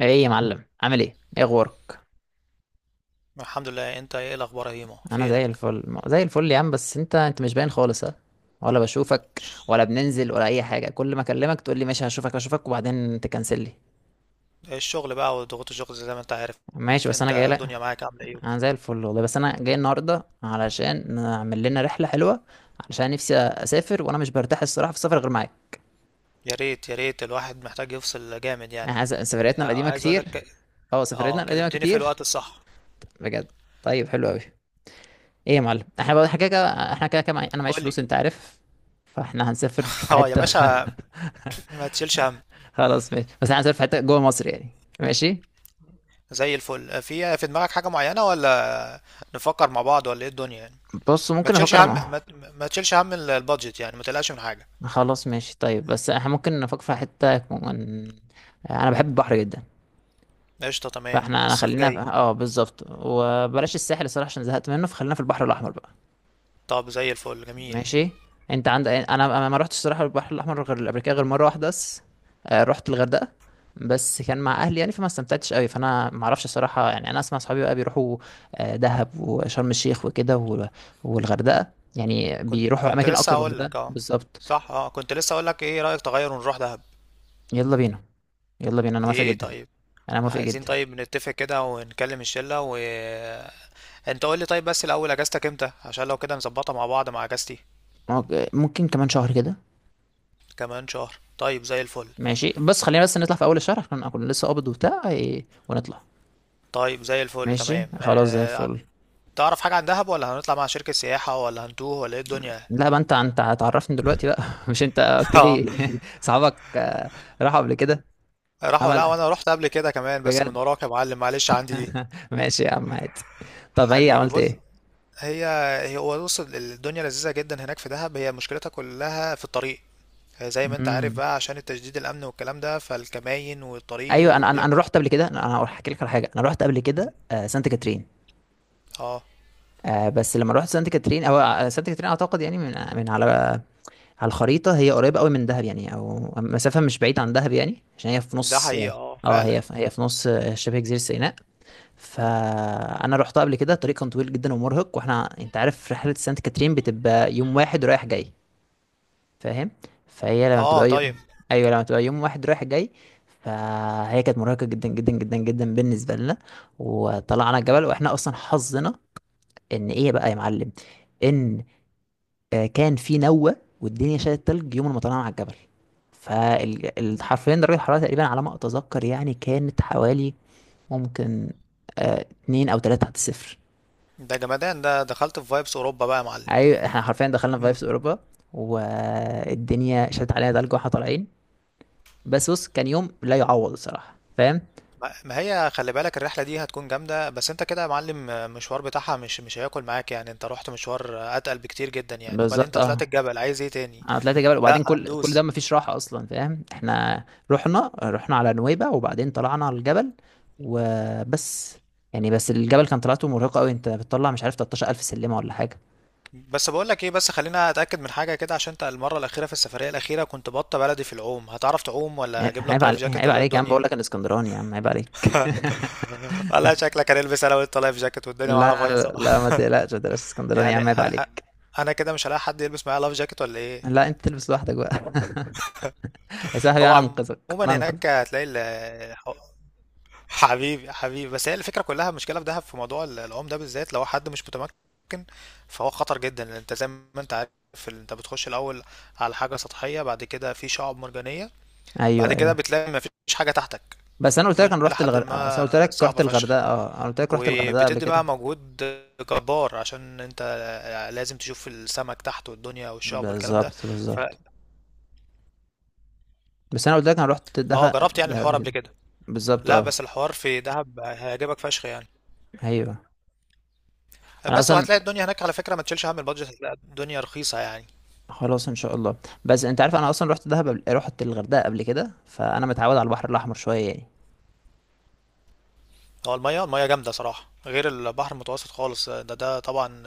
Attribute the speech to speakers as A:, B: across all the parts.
A: ايه يا معلم، عامل ايه؟ ايه اخبارك؟
B: الحمد لله، انت ايه الاخبار يا هيمو؟
A: انا زي
B: فينك؟
A: الفل زي الفل يا عم. بس انت مش باين خالص ها؟ ولا بشوفك
B: ش-
A: ولا بننزل ولا اي حاجه. كل ما اكلمك تقول لي ماشي، هشوفك وبعدين تكنسل لي.
B: الشغل بقى وضغوط الشغل زي ما انت عارف.
A: ماشي، بس انا
B: انت
A: جاي لك.
B: الدنيا معاك عامله ايه؟
A: انا زي الفل والله. بس انا جاي النهارده علشان نعمل لنا رحله حلوه، علشان نفسي اسافر، وانا مش برتاح الصراحه في السفر غير معاك.
B: يا ريت يا ريت، الواحد محتاج يفصل جامد يعني.
A: سفرياتنا
B: اه،
A: القديمه
B: عايز اقول
A: كتير.
B: لك.
A: اه،
B: اه،
A: سفرياتنا القديمه
B: كلمتني في
A: كتير،
B: الوقت الصح.
A: بجد. طيب، حلو قوي. ايه يا معلم، احنا كده كده، انا معيش
B: قول لي.
A: فلوس، انت عارف. فاحنا هنسافر في
B: اه يا
A: حته
B: باشا. ما تشيلش هم.
A: خلاص ماشي، بس احنا هنسافر في حته جوه مصر يعني. ماشي.
B: زي الفل، في دماغك حاجه معينه، ولا نفكر مع بعض، ولا ايه الدنيا يعني؟
A: بص،
B: ما
A: ممكن
B: تشيلش
A: افكر
B: هم
A: مع...
B: ما تشيلش هم البادجت، يعني ما تقلقش من حاجه.
A: خلاص ماشي، طيب بس احنا ممكن نفكر في حته كمان. انا بحب البحر جدا.
B: قشطه تمام،
A: فاحنا
B: والصيف
A: خلينا
B: جاي.
A: في... اه، بالظبط. وبلاش الساحل الصراحه عشان زهقت منه. فخلينا في البحر الاحمر بقى.
B: طب زي الفل، جميل.
A: ماشي. انت عند، انا ما رحتش الصراحه البحر الاحمر غير قبل كده غير مره واحده بس. آه، رحت الغردقه، بس كان مع اهلي يعني، فما استمتعتش قوي. فانا ما اعرفش الصراحه يعني، انا اسمع صحابي بقى بيروحوا آه، دهب وشرم الشيخ وكده والغردقه يعني،
B: كنت
A: بيروحوا
B: كنت
A: اماكن
B: لسه
A: اكتر من
B: هقول
A: الغردقه
B: لك، اه.
A: بالظبط.
B: صح، اه، كنت لسه هقول لك، ايه رأيك تغير ونروح دهب؟
A: يلا بينا، يلا بينا، انا موافق
B: ايه
A: جدا.
B: طيب.
A: انا موافق
B: عايزين،
A: جدا.
B: طيب نتفق كده ونكلم الشلة و... انت قول لي طيب، بس الاول اجازتك امتى، عشان لو كده نظبطها مع بعض مع اجازتي.
A: ممكن ممكن كمان شهر كده.
B: كمان شهر، طيب زي الفل.
A: ماشي، بس خلينا بس نطلع في اول الشهر عشان اكون لسه قابض وبتاع، إيه، ونطلع.
B: طيب زي الفل،
A: ماشي
B: تمام.
A: خلاص، زي الفل.
B: تعرف حاجة عن دهب، ولا هنطلع مع شركة سياحة، ولا هنتوه، ولا ايه الدنيا؟
A: لا بقى، انت هتعرفني دلوقتي بقى مش انت قلت
B: اه.
A: لي؟ صحابك آه، راحوا قبل كده.
B: راحوا. لا،
A: عمل،
B: وانا رحت قبل كده كمان، بس من
A: بجد؟
B: وراك يا معلم، معلش عندي دي.
A: ماشي يا عم، عادي. طب ايه،
B: حبيبي،
A: عملت
B: بص.
A: ايه؟
B: هي هي هو بص، الدنيا لذيذة جدا هناك في دهب، هي مشكلتها كلها في الطريق. هي زي ما انت عارف
A: امم،
B: بقى، عشان التشديد الأمن والكلام ده، فالكماين والطريق
A: ايوه. انا
B: وبياخد...
A: رحت قبل كده، أنا هحكي لك على حاجه. انا رحت قبل كده آه، سانت كاترين.
B: اه
A: آه، بس لما رحت سانت كاترين، او آه، سانت كاترين اعتقد يعني، من على الخريطه، هي قريبه قوي من دهب يعني، او مسافه مش بعيده عن دهب يعني، عشان هي في
B: ده
A: نص.
B: حقيقة، اه
A: اه،
B: فعلا.
A: هي في نص آه، شبه جزيره سيناء. فانا رحت قبل كده، الطريق كان طويل جدا ومرهق. واحنا انت عارف، رحله سانت كاترين بتبقى يوم واحد رايح جاي، فاهم؟ فهي لما
B: اه
A: بتبقى يوم...
B: طيب.
A: ايوه، لما بتبقى يوم واحد رايح جاي، فهي كانت مرهقه جدا جدا جدا جدا بالنسبه لنا. وطلعنا الجبل واحنا اصلا حظنا ان، ايه بقى يا معلم، ان آه، كان في نوه والدنيا شالت تلج يوم ما طلعنا على الجبل. فالحرفين درجه الحراره تقريبا على ما اتذكر يعني، كانت حوالي ممكن آه، اتنين او تلاتة تحت الصفر.
B: ده جمدان، ده دخلت في فايبس أوروبا بقى يا معلم.
A: اي، احنا حرفيا دخلنا في
B: مم.
A: فايفز اوروبا. والدنيا شدت علينا تلج واحنا طالعين. بس بص، كان يوم لا يعوض الصراحه، فاهم؟
B: ما هي خلي بالك، الرحلة دي هتكون جامدة، بس انت كده يا معلم، المشوار بتاعها مش هياكل معاك يعني، انت رحت مشوار أتقل بكتير جدا يعني، وبعدين
A: بالظبط،
B: انت طلعت
A: اه.
B: الجبل، عايز ايه تاني؟
A: انا طلعت جبل
B: لا،
A: وبعدين، كل ده
B: هندوس.
A: مفيش راحه اصلا، فاهم؟ احنا رحنا على نويبع وبعدين طلعنا على الجبل وبس يعني. بس الجبل كان طلعته مرهقه قوي، انت بتطلع مش عارف 13,000 سلمه ولا حاجه
B: بس بقول لك ايه، بس خلينا اتاكد من حاجه كده، عشان انت المره الاخيره، في السفريه الاخيره كنت بطه بلدي في العوم، هتعرف تعوم ولا
A: يعني.
B: اجيب لك
A: عيب
B: لايف
A: عليك،
B: جاكيت،
A: عيب
B: ولا إيه
A: عليك يا عم، بقول
B: الدنيا؟
A: لك انا اسكندراني يا عم، عيب عليك.
B: والله شكلك هنلبس انا وانت لايف جاكيت والدنيا معانا
A: لا لا
B: بايظه.
A: لا، ما تقلقش، ما تقلقش، اسكندراني يا
B: يعني
A: عم، عيب
B: انا،
A: عليك.
B: انا كده مش هلاقي حد يلبس معايا لايف جاكيت، ولا ايه؟
A: لا انت تلبس لوحدك بقى يا صاحبي
B: هو
A: انا انقذك، انا
B: عموما
A: انقذك.
B: هناك هتلاقي حبيبي حبيبي، بس هي الفكره كلها، المشكله في دهب في موضوع العوم ده بالذات لو حد مش متمكن، فهو خطر جدا، لأن انت زي ما انت عارف انت بتخش الاول على حاجه سطحيه، بعد كده في شعب مرجانيه،
A: ايوه
B: بعد كده
A: ايوه.
B: بتلاقي مفيش حاجة تحتك.
A: بس انا قلت لك
B: الدنيا
A: انا
B: إلى
A: رحت
B: حد
A: الغردقه، بس انا
B: ما
A: قلت لك رحت
B: صعبة فشخ،
A: الغردقه، اه انا قلت لك رحت الغردقه قبل
B: وبتدي
A: كده.
B: بقى مجهود جبار، عشان انت لازم تشوف السمك تحت والدنيا والشعب والكلام ده.
A: بالظبط
B: ف
A: بالظبط. بس انا قلت لك انا رحت
B: اه،
A: دخل
B: جربت يعني
A: ده
B: الحوار
A: قبل
B: قبل
A: كده.
B: كده.
A: بالظبط،
B: لا،
A: اه.
B: بس الحوار في دهب هيعجبك فشخ يعني.
A: ايوه، انا
B: بس،
A: اصلا.
B: وهتلاقي الدنيا هناك على فكرة، ما تشيلش هم البادجت، هتلاقي الدنيا رخيصة يعني.
A: خلاص ان شاء الله. بس انت عارف، انا اصلا رحت دهب قبل... رحت الغردقه قبل كده، فانا متعود على البحر الاحمر شويه يعني.
B: هو المية جامدة صراحة، غير البحر المتوسط خالص ده طبعا.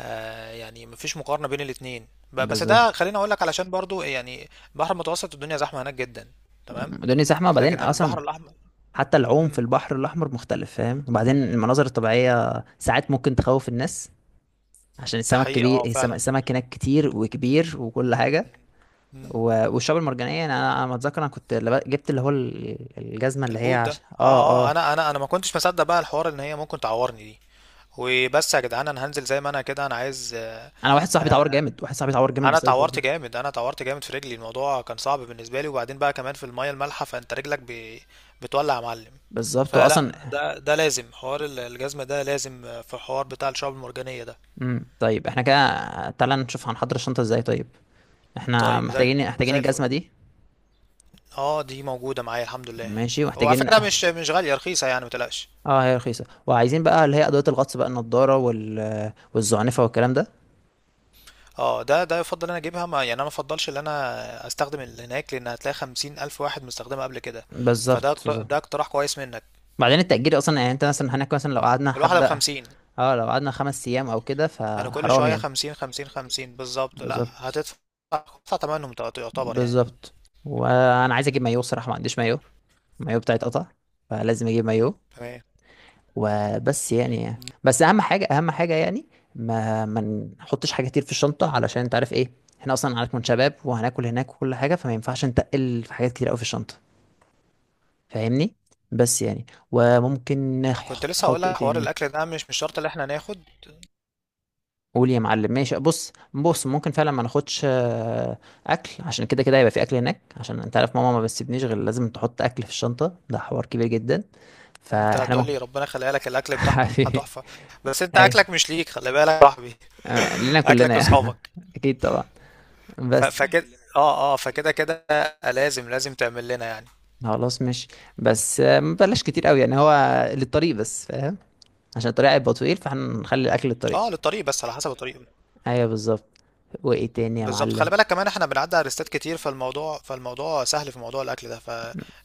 B: يعني مفيش مقارنة بين الاتنين بس
A: بالظبط.
B: ده خليني اقول لك علشان برضو يعني. البحر المتوسط الدنيا زحمة هناك جدا. تمام.
A: الدنيا زحمه. وبعدين
B: لكن البحر
A: اصلا
B: الاحمر...
A: حتى العوم في
B: امم.
A: البحر الاحمر مختلف، فاهم؟ وبعدين المناظر الطبيعيه ساعات ممكن تخوف الناس، عشان
B: ده
A: السمك
B: حقيقي،
A: كبير،
B: اه فعلا.
A: السمك هناك كتير وكبير وكل حاجة.
B: مم. مم.
A: والشعاب المرجانية يعني، أنا ما أتذكر، أنا كنت جبت اللي هو الجزمة اللي هي
B: البوت ده.
A: عشان
B: اه
A: آه
B: اه،
A: آه.
B: انا ما كنتش مصدق بقى الحوار ان هي ممكن تعورني دي. وبس يا جدعان، انا هنزل زي ما انا كده، انا عايز
A: أنا واحد صاحبي اتعور
B: آه،
A: جامد، واحد صاحبي اتعور جامد
B: انا
A: بسبب الحوار
B: اتعورت
A: ده.
B: جامد، انا اتعورت جامد في رجلي، الموضوع كان صعب بالنسبه لي، وبعدين بقى كمان في الميه المالحه فانت رجلك بتولع يا معلم.
A: بالظبط
B: فلا،
A: وأصلا.
B: ده لازم حوار الجزمه، ده لازم في حوار بتاع الشعاب المرجانيه ده.
A: امم، طيب احنا كده، تعالى نشوف هنحضر الشنطة ازاي. طيب، احنا
B: طيب زي
A: محتاجين، محتاجين
B: زي الفل.
A: الجزمة دي.
B: اه، دي موجوده معايا الحمد لله.
A: ماشي،
B: هو على
A: ومحتاجين
B: فكره مش غاليه، رخيصه يعني متقلقش.
A: اه هي رخيصة. وعايزين بقى اللي هي أدوية الغطس بقى، النضارة وال... والزعنفة والكلام ده.
B: اه، ده يفضل انا اجيبها، ما يعني انا ما افضلش ان انا استخدم اللي هناك، لان هتلاقي خمسين الف واحد مستخدمها قبل كده.
A: بالظبط بالظبط.
B: ده اقتراح كويس منك.
A: بعدين التأجير أصلا يعني، أنت مثلا هناك مثلا لو قعدنا
B: الواحده
A: حبة،
B: بخمسين.
A: اه لو قعدنا خمس ايام او كده
B: يعني كل
A: فحرام
B: شوية
A: يعني.
B: خمسين خمسين خمسين بالظبط، لا
A: بالظبط
B: هتدفع، هتدفع تمنهم يعتبر يعني.
A: بالظبط. وانا عايز اجيب مايو الصراحه، ما عنديش مايو، المايو بتاعي اتقطع، فلازم اجيب مايو.
B: تمام. مم.
A: وبس يعني. بس اهم حاجه، اهم حاجه يعني، ما نحطش حاجه كتير في الشنطه، علشان انت عارف ايه، احنا اصلا هنكون شباب وهناكل هناك وكل حاجه، فما ينفعش نتقل في حاجات كتير قوي في الشنطه، فاهمني؟ بس يعني وممكن
B: كنت لسه هقول
A: نحط ايه
B: لك حوار
A: تاني.
B: الاكل ده مش شرط اللي احنا ناخد.
A: قول يا معلم. ماشي، بص بص، ممكن فعلا ما ناخدش آه، اكل، عشان كده كده هيبقى في اكل هناك، عشان انت عارف ماما ما بتسيبنيش غير لازم تحط اكل في الشنطه، ده حوار كبير جدا.
B: انت
A: فاحنا
B: هتقول
A: ممكن.
B: لي ربنا يخليها لك الاكل بتاعها،
A: حبيبي.
B: تحفة. بس انت
A: اي
B: اكلك مش ليك، خلي بالك يا صاحبي.
A: آه، لينا كلنا
B: اكلك
A: يعني.
B: لاصحابك.
A: اكيد طبعا. بس،
B: فكده، اه اه، فكده كده، لازم تعمل لنا يعني.
A: خلاص ماشي. بس آه، ما بلاش كتير قوي يعني، هو للطريق بس، فاهم؟ عشان الطريق هيبقى طويل، فاحنا نخلي الاكل للطريق.
B: اه للطريق بس، على حسب الطريق.
A: ايوه بالظبط. وايه تاني يا
B: بالظبط، خلي
A: معلم؟
B: بالك كمان احنا بنعدي على ريستات كتير، فالموضوع سهل في موضوع الاكل ده،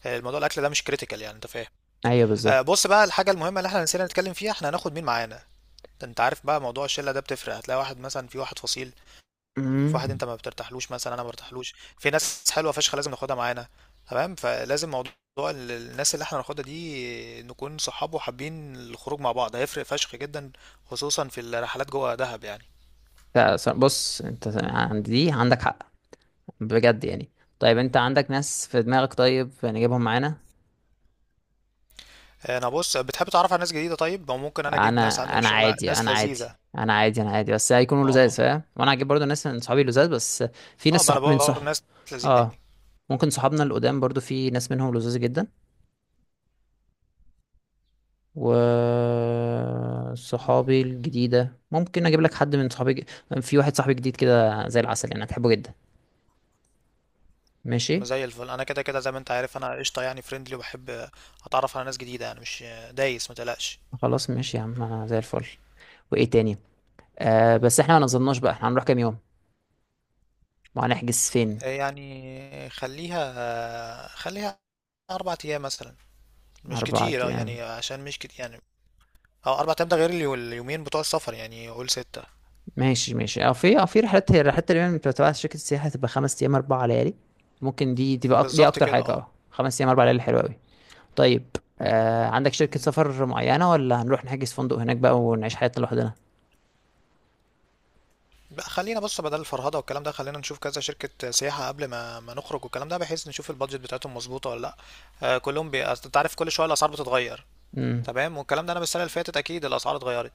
B: فالموضوع الاكل ده مش كريتيكال يعني، انت فاهم؟
A: ايوه بالظبط.
B: بص بقى، الحاجة المهمة اللي احنا نسينا نتكلم فيها، احنا هناخد مين معانا؟ انت عارف بقى موضوع الشلة ده بتفرق، هتلاقي واحد مثلا، في واحد فصيل، في واحد
A: مم.
B: انت ما بترتاحلوش مثلا، انا ما برتاحلوش. في ناس حلوة فشخ لازم ناخدها معانا. تمام، فلازم موضوع الناس اللي احنا هناخدها دي نكون صحاب وحابين الخروج مع بعض، هيفرق فشخ جدا، خصوصا في الرحلات جوه دهب يعني.
A: لا ص- بص، انت عندي دي عندك حق، بجد يعني. طيب
B: مم.
A: انت عندك ناس في دماغك؟ طيب نجيبهم معانا.
B: انا بص، بتحب تعرف على ناس جديدة؟ طيب، او ممكن انا اجيب
A: انا،
B: ناس عندي من
A: انا
B: الشغل،
A: عادي
B: ناس
A: انا عادي
B: لذيذة.
A: انا عادي، بس هيكونوا لزاز،
B: اه
A: فاهم؟ وانا هجيب برضو ناس من صحابي لزاز بس. في
B: اه،
A: ناس
B: ما انا
A: صح... من
B: بدور
A: صح،
B: ناس لذيذة
A: اه.
B: يعني.
A: ممكن صحابنا القدام برضو في ناس منهم لزاز جدا. و صحابي الجديدة ممكن اجيب لك حد من صحابي في واحد صاحبي جديد كده زي العسل يعني، هتحبه جدا. ماشي.
B: زي الفل، انا كده كده زي ما انت عارف، انا قشطه يعني فريندلي، وبحب اتعرف على ناس جديده، يعني مش دايس، متقلقش.
A: خلاص ماشي يا عم، انا زي الفل. وايه تاني؟ آه بس احنا ما نظمناش بقى، احنا هنروح كام يوم وهنحجز فين؟
B: يعني خليها 4 ايام مثلا، مش
A: أربعة
B: كتير، يعني
A: أيام.
B: عشان مش كتير يعني. اه 4 ايام ده غير اليومين بتوع السفر يعني، قول 6.
A: ماشي ماشي. أو في، أو في رحلات، هي رحلات تقريبا بتبقى تبع شركة السياحة، تبقى خمس أيام أربع ليالي. ممكن دي تبقى أك-، دي
B: بالظبط
A: أكتر
B: كده
A: حاجة
B: اه.
A: أه، خمس أيام أربع ليالي، حلوة أوي. طيب، آه عندك شركة
B: مم.
A: سفر معينة ولا هنروح نحجز فندق هناك بقى ونعيش حياتنا لوحدنا؟
B: بقى خلينا بص، بدل الفرهده والكلام ده، خلينا نشوف كذا شركه سياحه قبل ما نخرج والكلام ده، بحيث نشوف البادجت بتاعتهم مظبوطه ولا لا. أصل انت عارف كل شويه الاسعار بتتغير.
A: مم.
B: تمام، والكلام ده انا من السنه اللي فاتت اكيد الاسعار اتغيرت.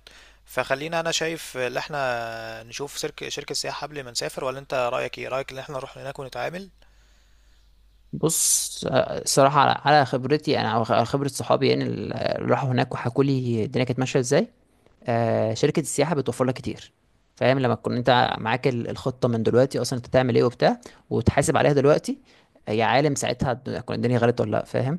B: فخلينا، انا شايف ان احنا نشوف شركه سياحه قبل ما نسافر، ولا انت رايك ايه، رايك ان احنا نروح هناك ونتعامل؟
A: بص آه، الصراحة، على على خبرتي أنا، أو خبرة صحابي يعني اللي راحوا هناك وحكوا لي الدنيا كانت ماشية إزاي، آه، شركة السياحة بتوفر لك كتير. فاهم؟ لما تكون انت
B: مم.
A: معاك الخطة من دلوقتي اصلا، انت تعمل ايه وبتاع، وتحاسب عليها دلوقتي. يا عالم ساعتها هتكون الدنيا غلط ولا لا، فاهم؟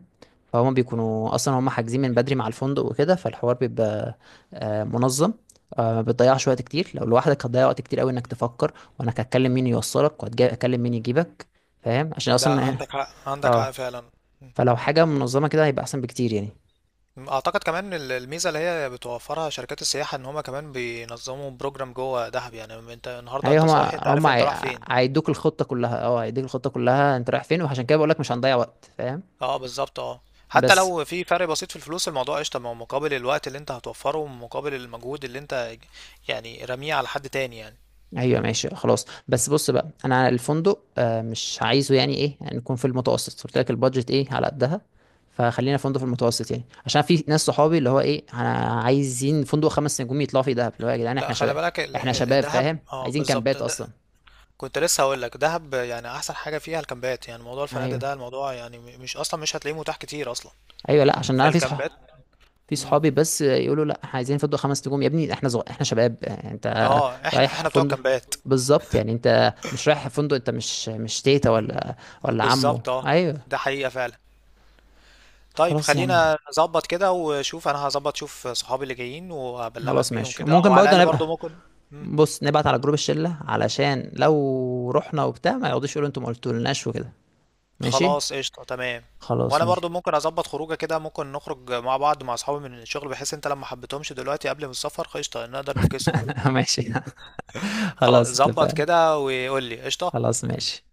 A: فهم بيكونوا اصلا هم حاجزين من بدري مع الفندق وكده، فالحوار بيبقى آه، منظم. آه، ما بتضيعش وقت كتير. لو لوحدك هتضيع وقت كتير قوي، انك تفكر وانا هتكلم مين يوصلك وهتكلم مين يجيبك، فاهم؟ عشان
B: ده
A: اصلا
B: عندك حق، عندك حق
A: اه،
B: فعلا.
A: فلو حاجة منظمة كده هيبقى احسن بكتير يعني.
B: مم. اعتقد كمان الميزه اللي هي بتوفرها شركات السياحه، ان هما كمان بينظموا بروجرام جوه دهب يعني، انت النهارده
A: ايوه،
B: انت صاحي، انت عارف انت رايح فين.
A: هيدوك الخطه كلها، اه هيديك الخطه كلها انت رايح فين، وعشان كده بقول لك مش هنضيع وقت، فاهم؟
B: اه بالظبط، اه. حتى
A: بس
B: لو في فرق بسيط في الفلوس الموضوع قشطه، ما هو مقابل الوقت اللي انت هتوفره، ومقابل المجهود اللي انت، يعني رميه على حد تاني يعني.
A: ايوه ماشي. خلاص، بس بص بقى، انا الفندق آه، مش عايزه يعني ايه يعني، نكون في المتوسط، قلت لك البادجت ايه، على قدها. فخلينا فندق في المتوسط يعني، عشان في ناس صحابي اللي هو ايه، انا عايزين فندق خمس نجوم يطلعوا فيه دهب، اللي هو يا جدعان
B: لا،
A: احنا
B: خلي
A: شباب،
B: بالك
A: احنا شباب، فاهم؟
B: الدهب، اه
A: عايزين
B: بالظبط
A: كامبات
B: ده،
A: اصلا.
B: كنت لسه هقول لك دهب يعني احسن حاجه فيها الكامبات، يعني موضوع الفنادق
A: ايوه
B: ده الموضوع يعني مش اصلا مش هتلاقيه متاح كتير اصلا.
A: ايوه، لا عشان انا في
B: فالكامبات.
A: صح، في
B: مم.
A: صحابي بس يقولوا لا احنا عايزين فندق خمس نجوم، يا ابني احنا زغ...، احنا شباب يعني، انت
B: اه، احنا
A: رايح
B: احنا بتوع
A: فندق.
B: الكامبات.
A: بالظبط، يعني انت مش رايح فندق، انت مش تيتا
B: مم.
A: ولا ولا عمو،
B: بالظبط اه.
A: ايوه.
B: ده حقيقه فعلا. طيب
A: خلاص يا عم.
B: خلينا نظبط كده وشوف، انا هظبط شوف صحابي اللي جايين وابلغك
A: خلاص
B: بيهم
A: ماشي،
B: كده،
A: وممكن
B: وعلى
A: برضه
B: الاقل
A: نبقى،
B: برضو ممكن.
A: بص، نبعت على جروب الشلة، علشان لو رحنا وبتاع ما يقعدوش يقولوا انتوا ما قلتولناش وكده. ماشي.
B: خلاص قشطة تمام.
A: خلاص
B: وانا برضو
A: ماشي.
B: ممكن اظبط خروجه كده، ممكن نخرج مع بعض مع اصحابي من الشغل، بحيث انت لما حبيتهمش دلوقتي قبل ما السفر قشطة، نقدر نفكسهم.
A: ماشي.
B: خلاص
A: خلاص
B: ظبط
A: اتفقنا.
B: كده، وقول لي قشطة.
A: خلاص ماشي.